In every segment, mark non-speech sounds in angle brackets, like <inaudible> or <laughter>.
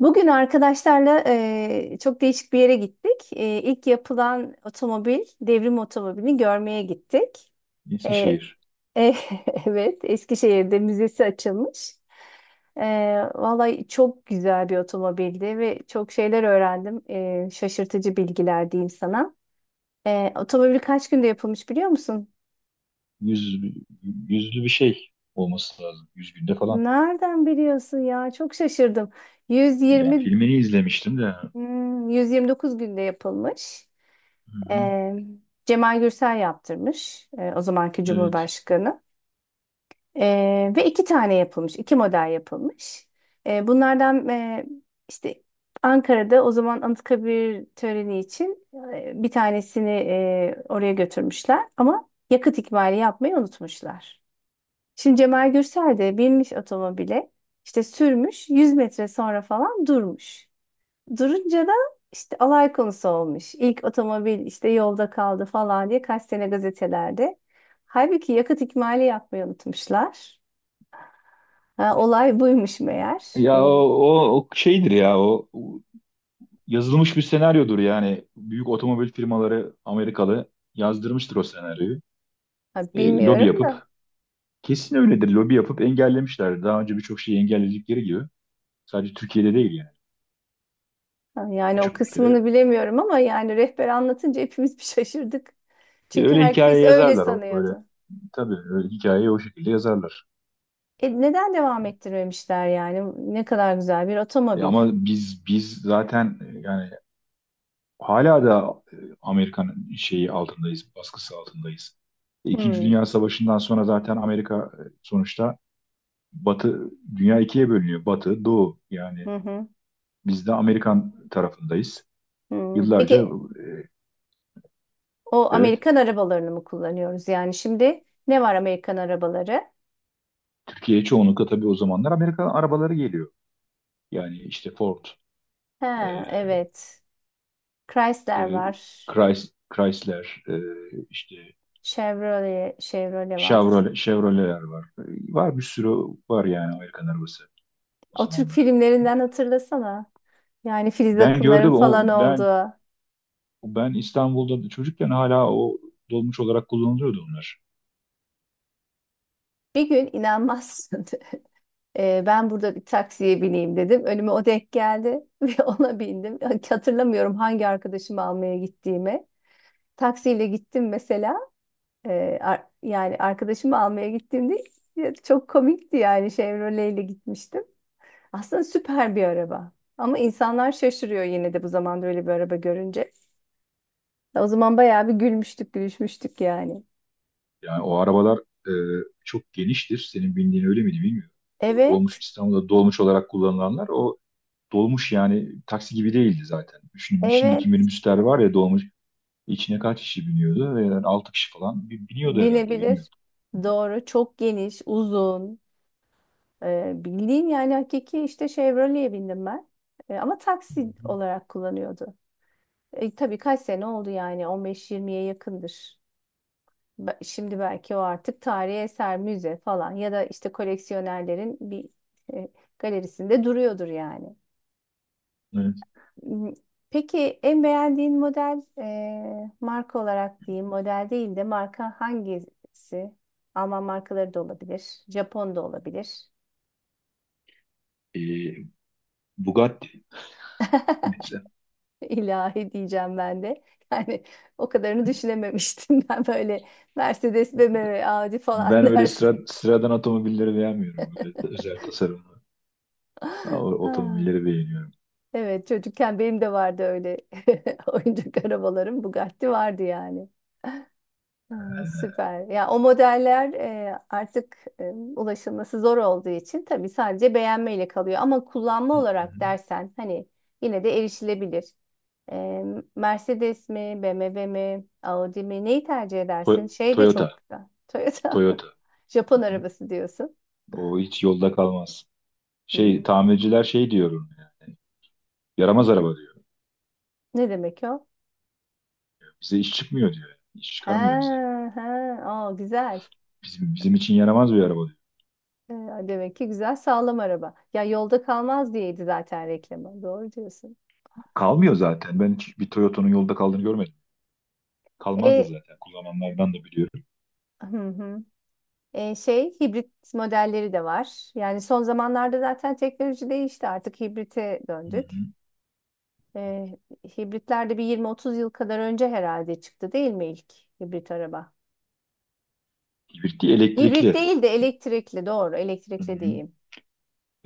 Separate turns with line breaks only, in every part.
Bugün arkadaşlarla çok değişik bir yere gittik. İlk yapılan otomobil, devrim otomobilini görmeye gittik. Eee,
Eskişehir.
e- <laughs> evet, Eskişehir'de müzesi açılmış. Vallahi çok güzel bir otomobildi ve çok şeyler öğrendim. Şaşırtıcı bilgiler diyeyim sana. Otomobil kaç günde yapılmış biliyor musun?
Yüz, Yüzlü bir şey olması lazım. Yüz günde falan.
Nereden biliyorsun ya? Çok şaşırdım.
Ya
120,
filmini izlemiştim de.
129 günde yapılmış.
Hı-hı.
Ee, Cemal Gürsel yaptırmış, o zamanki
Evet.
Cumhurbaşkanı. Ve iki tane yapılmış, iki model yapılmış. Bunlardan işte Ankara'da o zaman Anıtkabir töreni için bir tanesini oraya götürmüşler ama yakıt ikmali yapmayı unutmuşlar. Şimdi Cemal Gürsel de binmiş otomobile, işte sürmüş, 100 metre sonra falan durmuş. Durunca da işte alay konusu olmuş. İlk otomobil işte yolda kaldı falan diye kaç sene gazetelerde. Halbuki yakıt ikmali yapmayı unutmuşlar. Ha, olay buymuş meğer.
Ya o, o, o şeydir ya o yazılmış bir senaryodur yani. Büyük otomobil firmaları Amerikalı yazdırmıştır o senaryoyu.
Ha,
Lobi
bilmiyorum da.
yapıp kesin öyledir. Lobi yapıp engellemişler. Daha önce birçok şeyi engelledikleri gibi. Sadece Türkiye'de değil yani.
Ha, yani o
Birçok
kısmını
ülkede.
bilemiyorum ama yani rehber anlatınca hepimiz bir şaşırdık.
E,
Çünkü
öyle hikaye
herkes öyle
yazarlar o öyle.
sanıyordu.
Tabii öyle hikayeyi o şekilde yazarlar.
Neden devam ettirmemişler yani? Ne kadar güzel bir otomobil.
Ama biz zaten yani hala da Amerika'nın şeyi altındayız, baskısı altındayız. İkinci
Hmm.
Dünya Savaşı'ndan sonra zaten Amerika, sonuçta Batı dünya ikiye bölünüyor. Batı, Doğu, yani
Hı hı.
biz de Amerikan tarafındayız.
Hı.
Yıllarca
Peki, o
evet,
Amerikan arabalarını mı kullanıyoruz? Yani şimdi ne var Amerikan arabaları?
Türkiye'ye çoğunlukla tabii o zamanlar Amerika arabaları geliyor. Yani işte Ford,
He,
e,
evet. Chrysler
e,
var.
Chrysler, işte
Chevrolet, Chevrolet var.
Chevrolet, Chevrolet'ler var. E, var bir sürü, var yani Amerikan arabası o
O Türk
zamanlar.
filmlerinden hatırlasana. Yani Filiz
Ben
Akınların
gördüm o,
falan
ben
olduğu.
ben İstanbul'da çocukken hala o dolmuş olarak kullanılıyordu onlar.
Bir gün inanmazsın. <laughs> Ben burada bir taksiye bineyim dedim. Önüme o denk geldi <laughs> ve ona bindim. Hatırlamıyorum hangi arkadaşımı almaya gittiğimi. Taksiyle gittim mesela. Yani arkadaşımı almaya gittiğimde ya çok komikti yani Chevrolet ile gitmiştim. Aslında süper bir araba. Ama insanlar şaşırıyor yine de bu zamanda öyle bir araba görünce. O zaman bayağı bir gülmüştük, gülüşmüştük yani.
Yani o arabalar e, çok geniştir. Senin bindiğin öyle miydi bilmiyorum. O dolmuş,
Evet,
İstanbul'da dolmuş olarak kullanılanlar, o dolmuş yani taksi gibi değildi zaten. Şimdiki
evet
minibüsler var ya, dolmuş içine kaç kişi biniyordu? Ve yani 6 kişi falan biniyordu herhalde, bilmiyorum.
binebilir. Doğru, çok geniş, uzun. Bildiğin yani hakiki işte Chevrolet'e bindim ben. Ama taksi olarak kullanıyordu. Tabii kaç sene oldu yani 15-20'ye yakındır. Şimdi belki o artık tarihi eser, müze falan ya da işte koleksiyonerlerin bir e, galerisinde duruyordur yani.
Evet.
M- Peki en beğendiğin model marka olarak diyeyim, model değil de marka hangisi? Alman markaları da olabilir, Japon da olabilir.
E, Bugatti mesela.
<laughs> İlahi diyeceğim ben de. Yani o kadarını düşünememiştim <laughs> ben böyle Mercedes, BMW, Audi falan
Ben öyle
dersin.
sıradan otomobilleri beğenmiyorum. Böyle özel tasarım.
<laughs> Ha.
Otomobilleri beğeniyorum.
Evet çocukken benim de vardı öyle <laughs> oyuncak arabalarım. Bugatti vardı yani. Hmm, süper. Ya o modeller artık ulaşılması zor olduğu için tabii sadece beğenmeyle kalıyor. Ama kullanma olarak
Hı-hı.
dersen hani yine de erişilebilir. E, Mercedes mi, BMW mi, Audi mi neyi tercih edersin? Şey de
Toyota.
çok güzel. Toyota.
Toyota.
<laughs> Japon
Hı-hı.
arabası diyorsun.
O hiç yolda kalmaz. Şey,
Hmm.
tamirciler şey diyorum yani. Yaramaz araba diyor.
Ne demek o?
Bize iş çıkmıyor diyor. Yani, İş
Ha
çıkarmıyor bize.
ha. Aa, güzel.
Bizim, bizim için yaramaz bir araba diyor.
Ee, Demek ki güzel sağlam araba. Ya yolda kalmaz diyeydi zaten reklamı. Doğru diyorsun.
Kalmıyor zaten. Ben hiç bir Toyota'nın yolda kaldığını görmedim. Kalmaz da
E,
zaten. Kullananlardan da biliyorum.
hı hı. Şey hibrit modelleri de var. Yani son zamanlarda zaten teknoloji değişti. Artık hibrite döndük.
Hı-hı.
E, Hibritler de bir 20-30 yıl kadar önce herhalde çıktı değil mi ilk hibrit araba?
Hibrit değil,
Hibrit
elektrikli.
değil de elektrikli doğru. Elektrikli
Hı-hı.
diyeyim.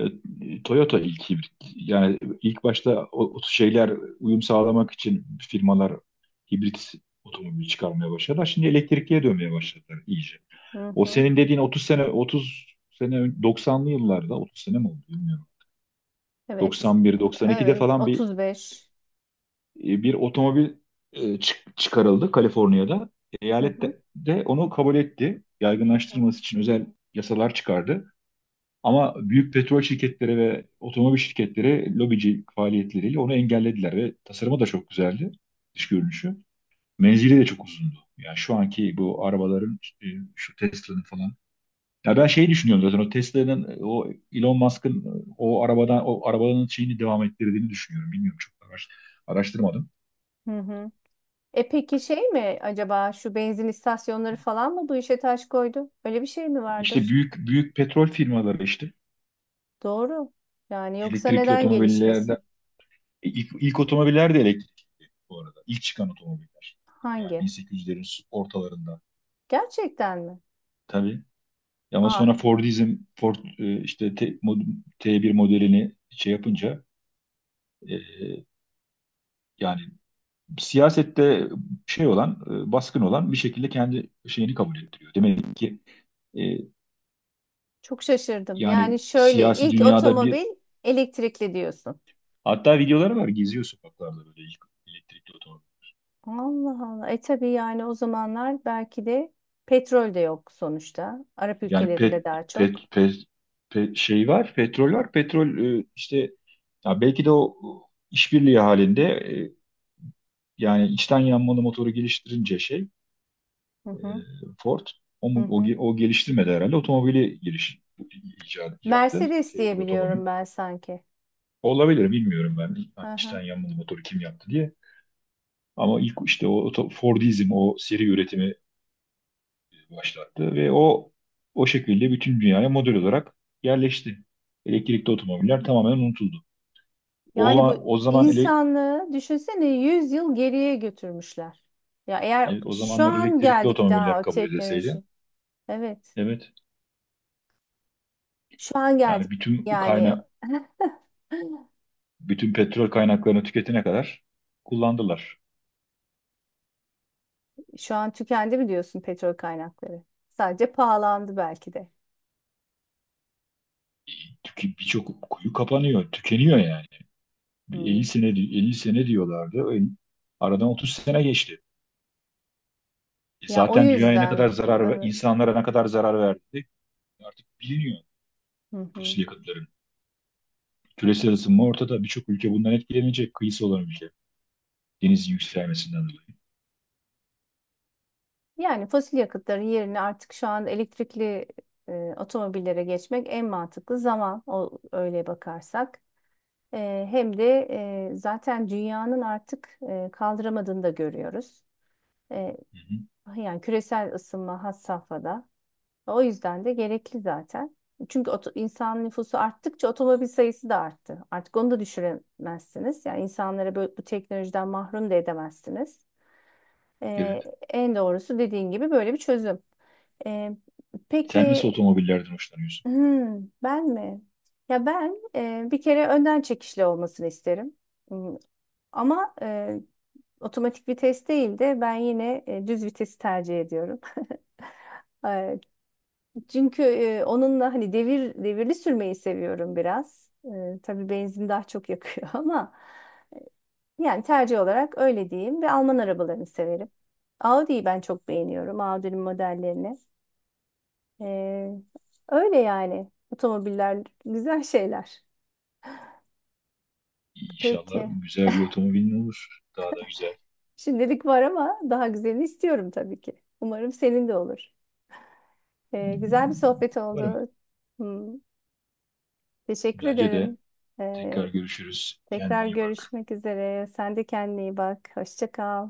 E, Toyota ilk hibrit. Yani ilk başta o şeyler, uyum sağlamak için firmalar hibrit otomobili çıkarmaya başladılar. Şimdi elektrikliye dönmeye başladılar iyice.
Hı
O
hı.
senin dediğin 30 sene, 30 sene 90'lı yıllarda, 30 sene mi oldu bilmiyorum.
Evet.
91, 92'de
Evet.
falan bir
35.
e, bir otomobil, çıkarıldı Kaliforniya'da.
Hı
Eyalet
hı.
de onu kabul etti. Yaygınlaştırılması için özel yasalar çıkardı. Ama büyük petrol şirketleri ve otomobil şirketleri lobici faaliyetleriyle onu engellediler ve tasarımı da çok güzeldi, dış görünüşü. Menzili de çok uzundu. Yani şu anki bu arabaların işte, şu Tesla'nın falan. Ya ben şeyi düşünüyorum, zaten o Tesla'nın, o Elon Musk'ın, o arabadan, o arabanın şeyini devam ettirdiğini düşünüyorum. Bilmiyorum, çok araştırmadım.
Hı hı. Peki şey mi acaba şu benzin istasyonları falan mı bu işe taş koydu? Öyle bir şey mi
İşte
vardır?
büyük büyük petrol firmaları işte,
Doğru. Yani yoksa
elektrikli
neden
otomobiller.
gelişmesin?
İlk otomobiller de elektrikli bu arada. İlk çıkan otomobiller. Yani
Hangi?
1800'lerin ortalarında.
Gerçekten mi?
Tabii. Ama
Ah
sonra Fordizm, Ford, işte T1 modelini şey yapınca, e, yani siyasette şey olan, baskın olan bir şekilde kendi şeyini kabul ettiriyor. Demek ki, e,
çok şaşırdım. Yani
yani
şöyle
siyasi
ilk
dünyada bir,
otomobil elektrikli diyorsun.
hatta videoları var, geziyor sokaklarda böyle ilk elektrikli otomobil.
Allah Allah. Tabii yani o zamanlar belki de petrol de yok sonuçta. Arap
Yani
ülkelerinde
pet
daha çok.
pet pet, Şey var, petrol var. Petrol, işte ya belki de o işbirliği halinde, yani içten yanmalı motoru geliştirince şey,
Hı
e,
hı,
Ford o,
hı
mu- o,
hı.
ge- o geliştirmedi herhalde otomobili, giriş icat yaptı.
Mercedes
T1 otomobil.
diyebiliyorum ben sanki.
Olabilir, bilmiyorum ben.
Hı
Hani
hı.
içten yanmalı motoru kim yaptı diye. Ama ilk işte Fordizm o seri üretimi başlattı ve o şekilde bütün dünyaya model olarak yerleşti. Elektrikli otomobiller tamamen unutuldu. O
Yani
zaman,
bu
o zaman ele,
insanlığı düşünsene 100 yıl geriye götürmüşler. Ya eğer
evet, o
şu
zamanlar
an
elektrikli
geldik
otomobiller
daha o
kabul edilseydi,
teknoloji. Evet.
evet,
Şu an geldik.
yani
Yani <gasps>
bütün petrol kaynaklarını tüketene kadar kullandılar.
şu an tükendi mi diyorsun petrol kaynakları? Sadece pahalandı belki de.
Birçok kuyu kapanıyor, tükeniyor yani. Bir 50
Hmm.
sene, 50 sene diyorlardı. Aradan 30 sene geçti. E
Ya o
zaten dünyaya ne kadar
yüzden
zarar ve
evet.
insanlara ne kadar zarar verdi artık biliniyor
Hı hı.
fosil yakıtların. Küresel ısınma ortada. Birçok ülke bundan etkilenecek. Kıyısı olan ülke. Deniz yükselmesinden dolayı.
Yani fosil yakıtların yerine artık şu an elektrikli otomobillere geçmek en mantıklı zaman o öyle bakarsak. Hem de zaten dünyanın artık kaldıramadığını da görüyoruz. Eee,
Hı hı.
Yani küresel ısınma has safhada. O yüzden de gerekli zaten. Çünkü insan nüfusu arttıkça otomobil sayısı da arttı. Artık onu da düşüremezsiniz. Yani insanlara böyle bu teknolojiden mahrum da edemezsiniz. Eee,
Evet.
En doğrusu dediğin gibi böyle bir çözüm. Eee,
Sen nasıl
peki.
otomobillerden hoşlanıyorsun?
Hmm, ben mi? Ya ben bir kere önden çekişli olmasını isterim. Hmm. Ama otomatik vites değil de ben yine düz vitesi tercih ediyorum. <laughs> E, Çünkü onunla hani devir devirli sürmeyi seviyorum biraz. Tabii benzin daha çok yakıyor <laughs> ama yani tercih olarak öyle diyeyim ve Alman arabalarını severim. Audi'yi ben çok beğeniyorum. Audi'nin modellerini. E, Öyle yani. Otomobiller güzel şeyler.
İnşallah
Peki.
güzel bir otomobilin olur. Daha da güzel.
Şimdilik var ama daha güzelini istiyorum tabii ki. Umarım senin de olur. Güzel bir sohbet
Varım.
oldu. Hmm, teşekkür
Bence
ederim.
de
Ee,
tekrar görüşürüz. Kendine
Tekrar
iyi bak.
görüşmek üzere. Sen de kendine iyi bak. Hoşça kal.